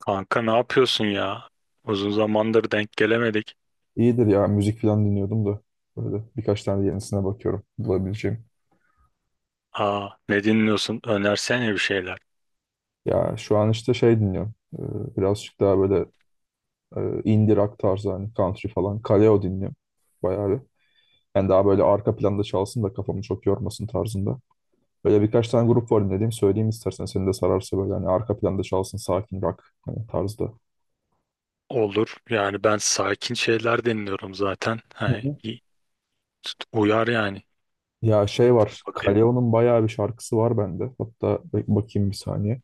Kanka ne yapıyorsun ya? Uzun zamandır denk gelemedik. İyidir ya müzik falan dinliyordum da böyle birkaç tane yenisine bakıyorum bulabileceğim. Ne dinliyorsun? Önersene bir şeyler. Ya şu an işte şey dinliyorum. Birazcık daha böyle e, indie rock tarzı hani country falan. Kaleo dinliyorum bayağı bir. Yani daha böyle arka planda çalsın da kafamı çok yormasın tarzında. Böyle birkaç tane grup var dinlediğim söyleyeyim istersen seni de sararsa böyle hani arka planda çalsın sakin rock hani tarzda. Olur. Yani ben sakin şeyler dinliyorum zaten. Hı He, hı. iyi. Uyar yani. Ya şey var Bakayım. Kaleo'nun bayağı bir şarkısı var bende. Hatta bakayım bir saniye.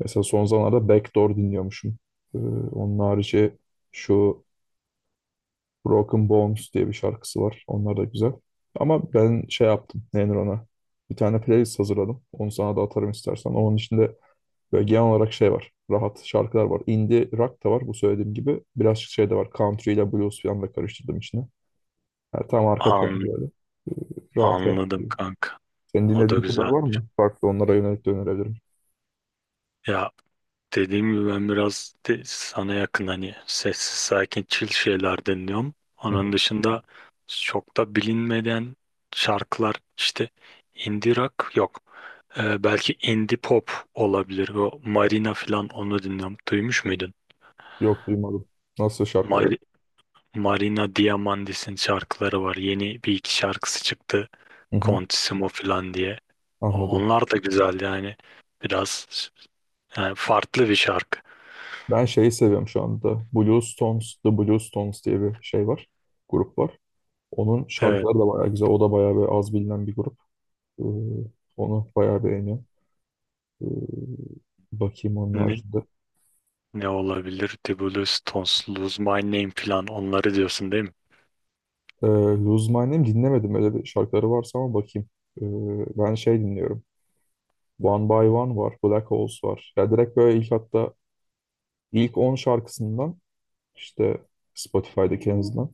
Mesela son zamanlarda Backdoor dinliyormuşum. Ee, onun harici şu Broken Bones diye bir şarkısı var. Onlar da güzel. Ama ben şey yaptım. Nedir ona? Bir tane playlist hazırladım. Onu sana da atarım istersen. Onun içinde böyle genel olarak şey var. Rahat şarkılar var. Indie rock da var bu söylediğim gibi. Birazcık şey de var. Country ile blues falan da karıştırdım içine. Yani tam arka planda An, böyle. Rahat rahat anladım gidiyor. kanka. Senin O da dinlediğin türler güzel. var mı? Farklı onlara yönelik de önerebilirim. Ya dediğim gibi ben biraz de sana yakın hani sessiz sakin chill şeyler dinliyorum. Hı Onun hı. dışında çok da bilinmeden şarkılar işte indie rock yok. Belki indie pop olabilir. O Marina falan onu dinliyorum. Duymuş muydun? Yok duymadım. Nasıl şarkı? Evet. Mari- Marina Diamandis'in şarkıları var. Yeni bir iki şarkısı çıktı. Hı hı. Contissimo falan diye. Anladım. Onlar da güzel yani. Biraz yani farklı bir şarkı. Ben şeyi seviyorum şu anda. Blue Stones, The Blue Stones diye bir şey var. Grup var. Onun Evet. şarkıları da bayağı güzel. O da bayağı bir az bilinen bir grup. Ee, onu bayağı beğeniyorum. Ee, bakayım onun Ne, haricinde. ne olabilir? Dibulus, Stones, Lose My Name falan onları diyorsun değil mi? Ee, Lose My Name dinlemedim. Öyle bir şarkıları varsa ama bakayım. Ee, ben şey dinliyorum. One by One var. Black Holes var. Ya direkt böyle ilk hatta ilk 10 şarkısından işte Spotify'daki en azından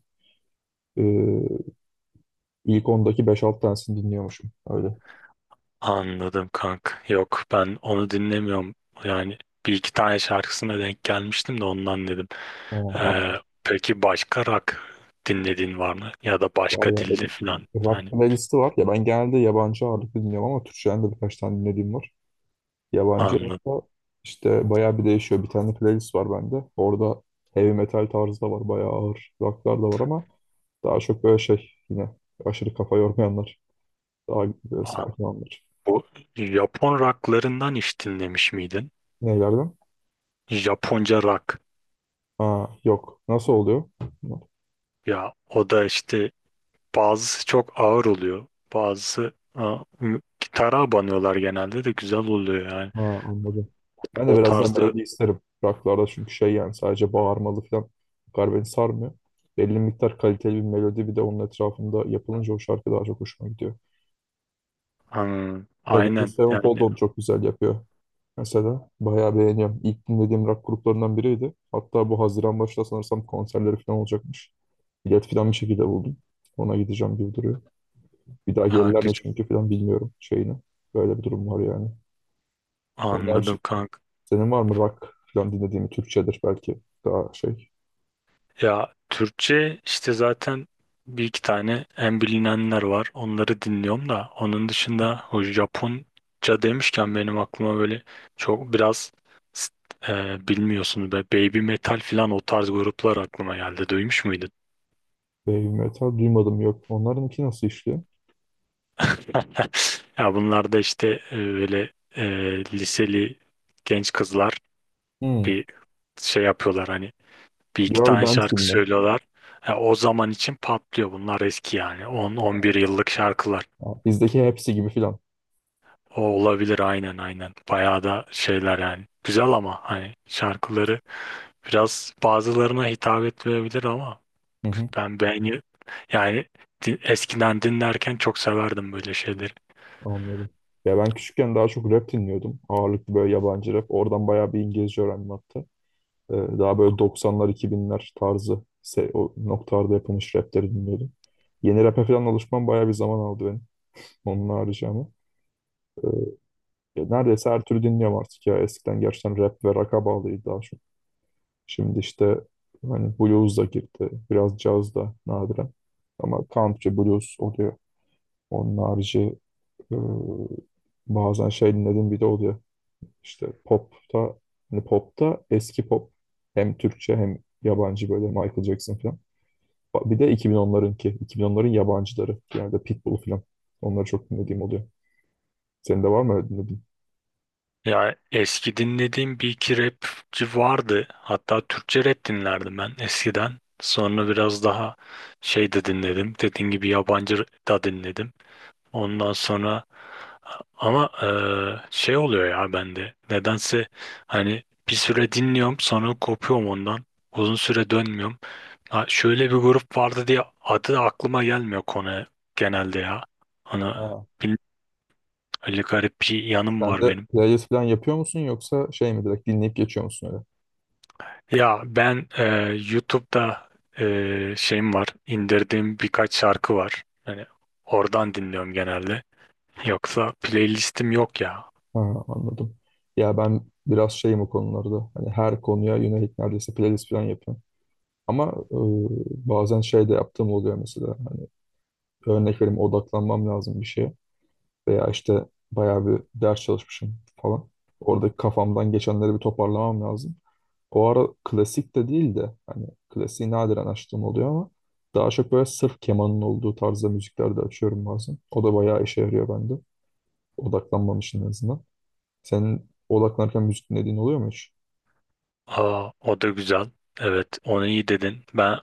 ee, ilk 10'daki beş 6 tanesini dinliyormuşum. Öyle. Anladım kank. Yok ben onu dinlemiyorum. Yani bir iki tane şarkısına denk gelmiştim de ondan dedim. Tamam, Ee, anladım. peki başka rock dinlediğin var mı? Ya da Var başka ya dilde benim falan. rock Hani playlisti var. Ya ben genelde yabancı ağırlıklı dinliyorum ama Türkçeden de birkaç tane dinlediğim var. Yabancı anladım. hatta işte bayağı bir değişiyor. Bir tane playlist var bende. Orada heavy metal tarzı da var. Bayağı ağır rocklar da var ama daha çok böyle şey yine aşırı kafa yormayanlar. Daha böyle Aa, sakin olanlar. Bu Japon rocklarından hiç dinlemiş miydin? Nelerden? Japonca rock. Ha, yok. Nasıl oluyor? Ya o da işte bazısı çok ağır oluyor. Bazısı gitara banıyorlar genelde de güzel oluyor yani. Ha, anladım. Ben de O birazdan tarzda melodi isterim. Rocklarda çünkü şey yani sadece bağırmalı falan bu kadar beni sarmıyor. Belli miktar kaliteli bir melodi bir de onun etrafında yapılınca o şarkı daha çok hoşuma gidiyor. hmm, Avenged aynen Sevenfold yani onu çok güzel yapıyor. Mesela bayağı beğeniyorum. İlk dinlediğim rock gruplarından biriydi. Hatta bu Haziran başında sanırsam konserleri falan olacakmış. Bilet falan bir şekilde buldum. Ona gideceğim gibi duruyor. Bir daha ha, gelirler mi güzel. çünkü falan bilmiyorum şeyini. Böyle bir durum var yani. Onlar Anladım kanka. Senin var mı rock falan dinlediğin Türkçedir belki daha şey. Ya Türkçe işte zaten bir iki tane en bilinenler var. Onları dinliyorum da onun dışında o Japonca demişken benim aklıma böyle çok biraz s- bilmiyorsunuz be Baby Metal falan o tarz gruplar aklıma geldi. Duymuş muydun? Heavy metal duymadım yok. Onlarınki nasıl işliyor? Ya bunlar da işte böyle e, liseli genç kızlar Hmm. bir şey yapıyorlar hani bir iki Girl tane band gibi şarkı mi? söylüyorlar. E, o zaman için patlıyor bunlar eski yani 10-11 yıllık şarkılar. Ha, bizdeki hepsi gibi falan. O olabilir aynen aynen. Bayağı da şeyler yani. Güzel ama hani şarkıları biraz bazılarına hitap etmeyebilir ama Hı hı. ben beğeni yani eskiden dinlerken çok severdim böyle şeyleri. Anladım. Ya ben küçükken daha çok rap dinliyordum. Ağırlıklı böyle yabancı rap. Oradan bayağı bir İngilizce öğrendim hatta. Ee, daha böyle 90'lar 2000'ler tarzı o noktalarda yapılmış rapleri dinliyordum. Yeni rap'e falan alışmam bayağı bir zaman aldı benim. Onun haricinde ama. Ee, Ya neredeyse her türlü dinliyorum artık ya. Eskiden gerçekten rap ve rock'a bağlıydı daha çok. Şimdi işte hani blues da girdi. Biraz caz da nadiren. Ama country blues oluyor. Onun harici e, bazen şey dinlediğim bir de oluyor. İşte popta hani popta eski pop. Hem Türkçe hem yabancı böyle Michael Jackson falan. Bir de 2010'larınki. 2010'ların yabancıları. Yani de Pitbull falan. Onları çok dinlediğim oluyor. Senin de var mı öyle dinlediğin? Ya eski dinlediğim bir iki rapçi vardı. Hatta Türkçe rap dinlerdim ben eskiden. Sonra biraz daha şey de dinledim. Dediğim gibi yabancı da dinledim. Ondan sonra ama şey oluyor ya bende. Nedense hani bir süre dinliyorum sonra kopuyorum ondan. Uzun süre dönmüyorum. Ha, şöyle bir grup vardı diye adı aklıma gelmiyor konu genelde ya. Ana Ha. bil- öyle garip bir yanım Sen var de benim. playlist falan yapıyor musun yoksa şey mi direkt dinleyip geçiyor musun? Ya ben YouTube'da şeyim var, indirdiğim birkaç şarkı var. Hani oradan dinliyorum genelde. Yoksa playlistim yok ya. Ha, anladım. Ya ben biraz şeyim o konularda. Hani her konuya yönelik neredeyse playlist falan yapıyorum. Ama e, bazen şey de yaptığım oluyor mesela. Hani örnek vereyim odaklanmam lazım bir şeye. Veya işte bayağı bir ders çalışmışım falan. Oradaki kafamdan geçenleri bir toparlamam lazım. O ara klasik de değil de hani klasiği nadiren açtığım oluyor ama daha çok böyle sırf kemanın olduğu tarzda müzikler de açıyorum bazen. O da bayağı işe yarıyor bende. Odaklanmam için en azından. Senin odaklanırken müzik dinlediğin oluyor mu hiç? Aa, o da güzel. Evet, onu iyi dedin. Ben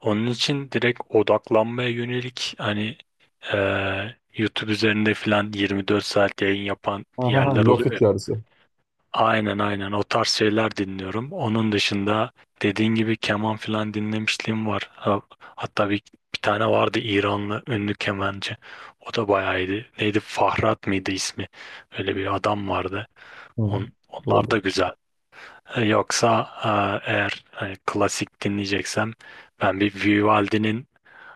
onun için direkt odaklanmaya yönelik hani e, YouTube üzerinde filan 24 saat yayın yapan Aha, ha, yerler oluyor lofi ya. tarzı. Aynen aynen o tarz şeyler dinliyorum. Onun dışında dediğin gibi keman filan dinlemişliğim var. Hatta bir tane vardı İranlı ünlü kemancı. O da bayağı iyiydi. Neydi Fahrat mıydı ismi? Öyle bir adam vardı. Hı, Onlar da olabilir. güzel. E, yoksa eğer klasik dinleyeceksem ben bir Vivaldi'nin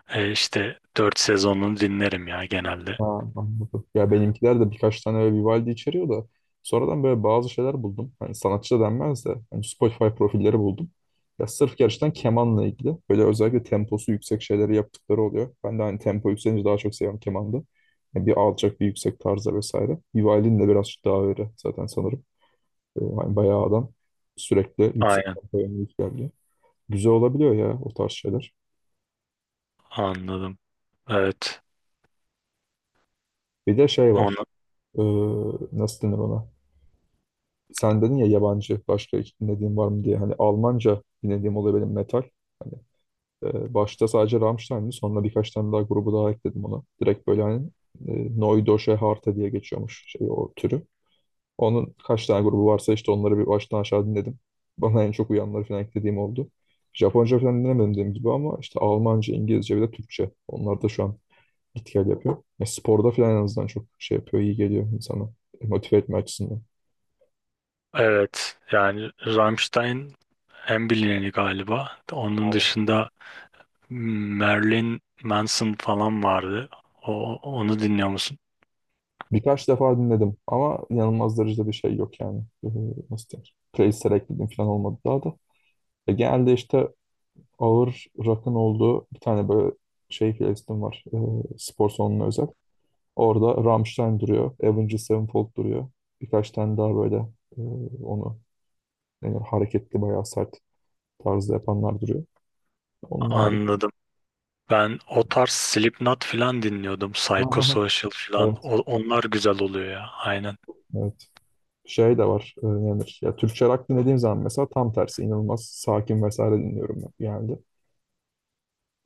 işte dört sezonunu dinlerim ya genelde. Ha, anladım. Ya benimkiler de birkaç tane böyle Vivaldi içeriyor da sonradan böyle bazı şeyler buldum. Hani sanatçı da denmez de hani Spotify profilleri buldum. Ya sırf gerçekten kemanla ilgili böyle özellikle temposu yüksek şeyleri yaptıkları oluyor. Ben de hani tempo yükselince daha çok seviyorum kemanda. Yani bir alçak bir yüksek tarzda vesaire. Vivaldi'nin de birazcık daha öyle zaten sanırım. Hani bayağı adam sürekli yüksek Aynen tempoya müzik yapıyor. Güzel olabiliyor ya o tarz şeyler. anladım. Evet. Bir de şey var. Onu, Ee, nasıl denir ona? Sen dedin ya yabancı başka hiç dinlediğin var mı diye. Hani Almanca dinlediğim oluyor benim metal. Hani başta sadece Rammstein'di. Sonra birkaç tane daha grubu daha ekledim ona. Direkt böyle hani e, Neue Deutsche Harte diye geçiyormuş şey o türü. Onun kaç tane grubu varsa işte onları bir baştan aşağı dinledim. Bana en çok uyanları falan eklediğim oldu. Japonca falan dinlemedim dediğim gibi ama işte Almanca, İngilizce ve de Türkçe. Onlar da şu an etkiler yapıyor. Ya sporda falan en azından çok şey yapıyor, iyi geliyor insana. Motive etme açısından. evet yani Rammstein en bilineni galiba. Onun Aynen. dışında hmm, Marilyn Manson falan vardı. Onu dinliyor musun? Birkaç defa dinledim ama inanılmaz derecede bir şey yok yani. Nasıl denir? Playlist'e ekledim falan olmadı daha da. Genelde işte ağır rock'ın olduğu bir tane böyle şey playlistim var. Spor salonuna özel. Orada Rammstein duruyor. Avenged Sevenfold duruyor. Birkaç tane daha böyle e, onu yani hareketli bayağı sert tarzda yapanlar duruyor. Onlar Anladım. Ben o tarz Slipknot falan dinliyordum. Aha. Psychosocial falan. Evet, Onlar güzel oluyor ya. Aynen. evet. Şey de var. Ne denir? Ya Türkçe rock dinlediğim zaman mesela tam tersi inanılmaz sakin vesaire dinliyorum ben genelde.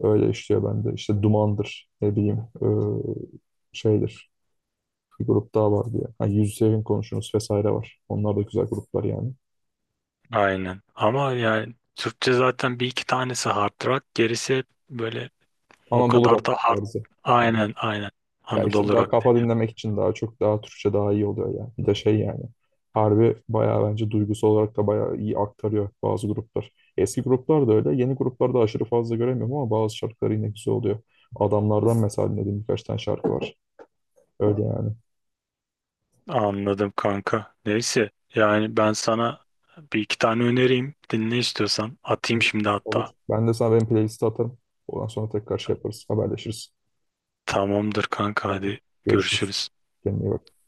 Öyle işliyor bende. İşte Duman'dır ne bileyim şeydir. Bir grup daha var diye. Ha, Yüz Sevin Konuşunuz vesaire var. Onlar da güzel gruplar yani. Aynen. Ama yani Türkçe zaten bir iki tanesi hard rock. Gerisi hep böyle o Anadolu kadar rock da hard. tarzı. Aynen aynen. Ya işte Anadolu daha rock. kafa dinlemek için daha çok daha Türkçe daha iyi oluyor ya. Bir de şey yani. Harbi bayağı bence duygusal olarak da bayağı iyi aktarıyor bazı gruplar. Eski gruplar da öyle. Yeni gruplarda aşırı fazla göremiyorum ama bazı şarkıları yine güzel oluyor. Adamlardan mesela dinlediğim birkaç tane şarkı var. Öyle yani. Anladım kanka. Neyse yani ben sana bir iki tane önereyim. Dinle istiyorsan. Atayım şimdi Olur. hatta. Ben de sana benim playlisti atarım. Ondan sonra tekrar şey yaparız. Haberleşiriz. Tamamdır kanka Tamam. hadi Görüşürüz. görüşürüz. Kendine iyi bak.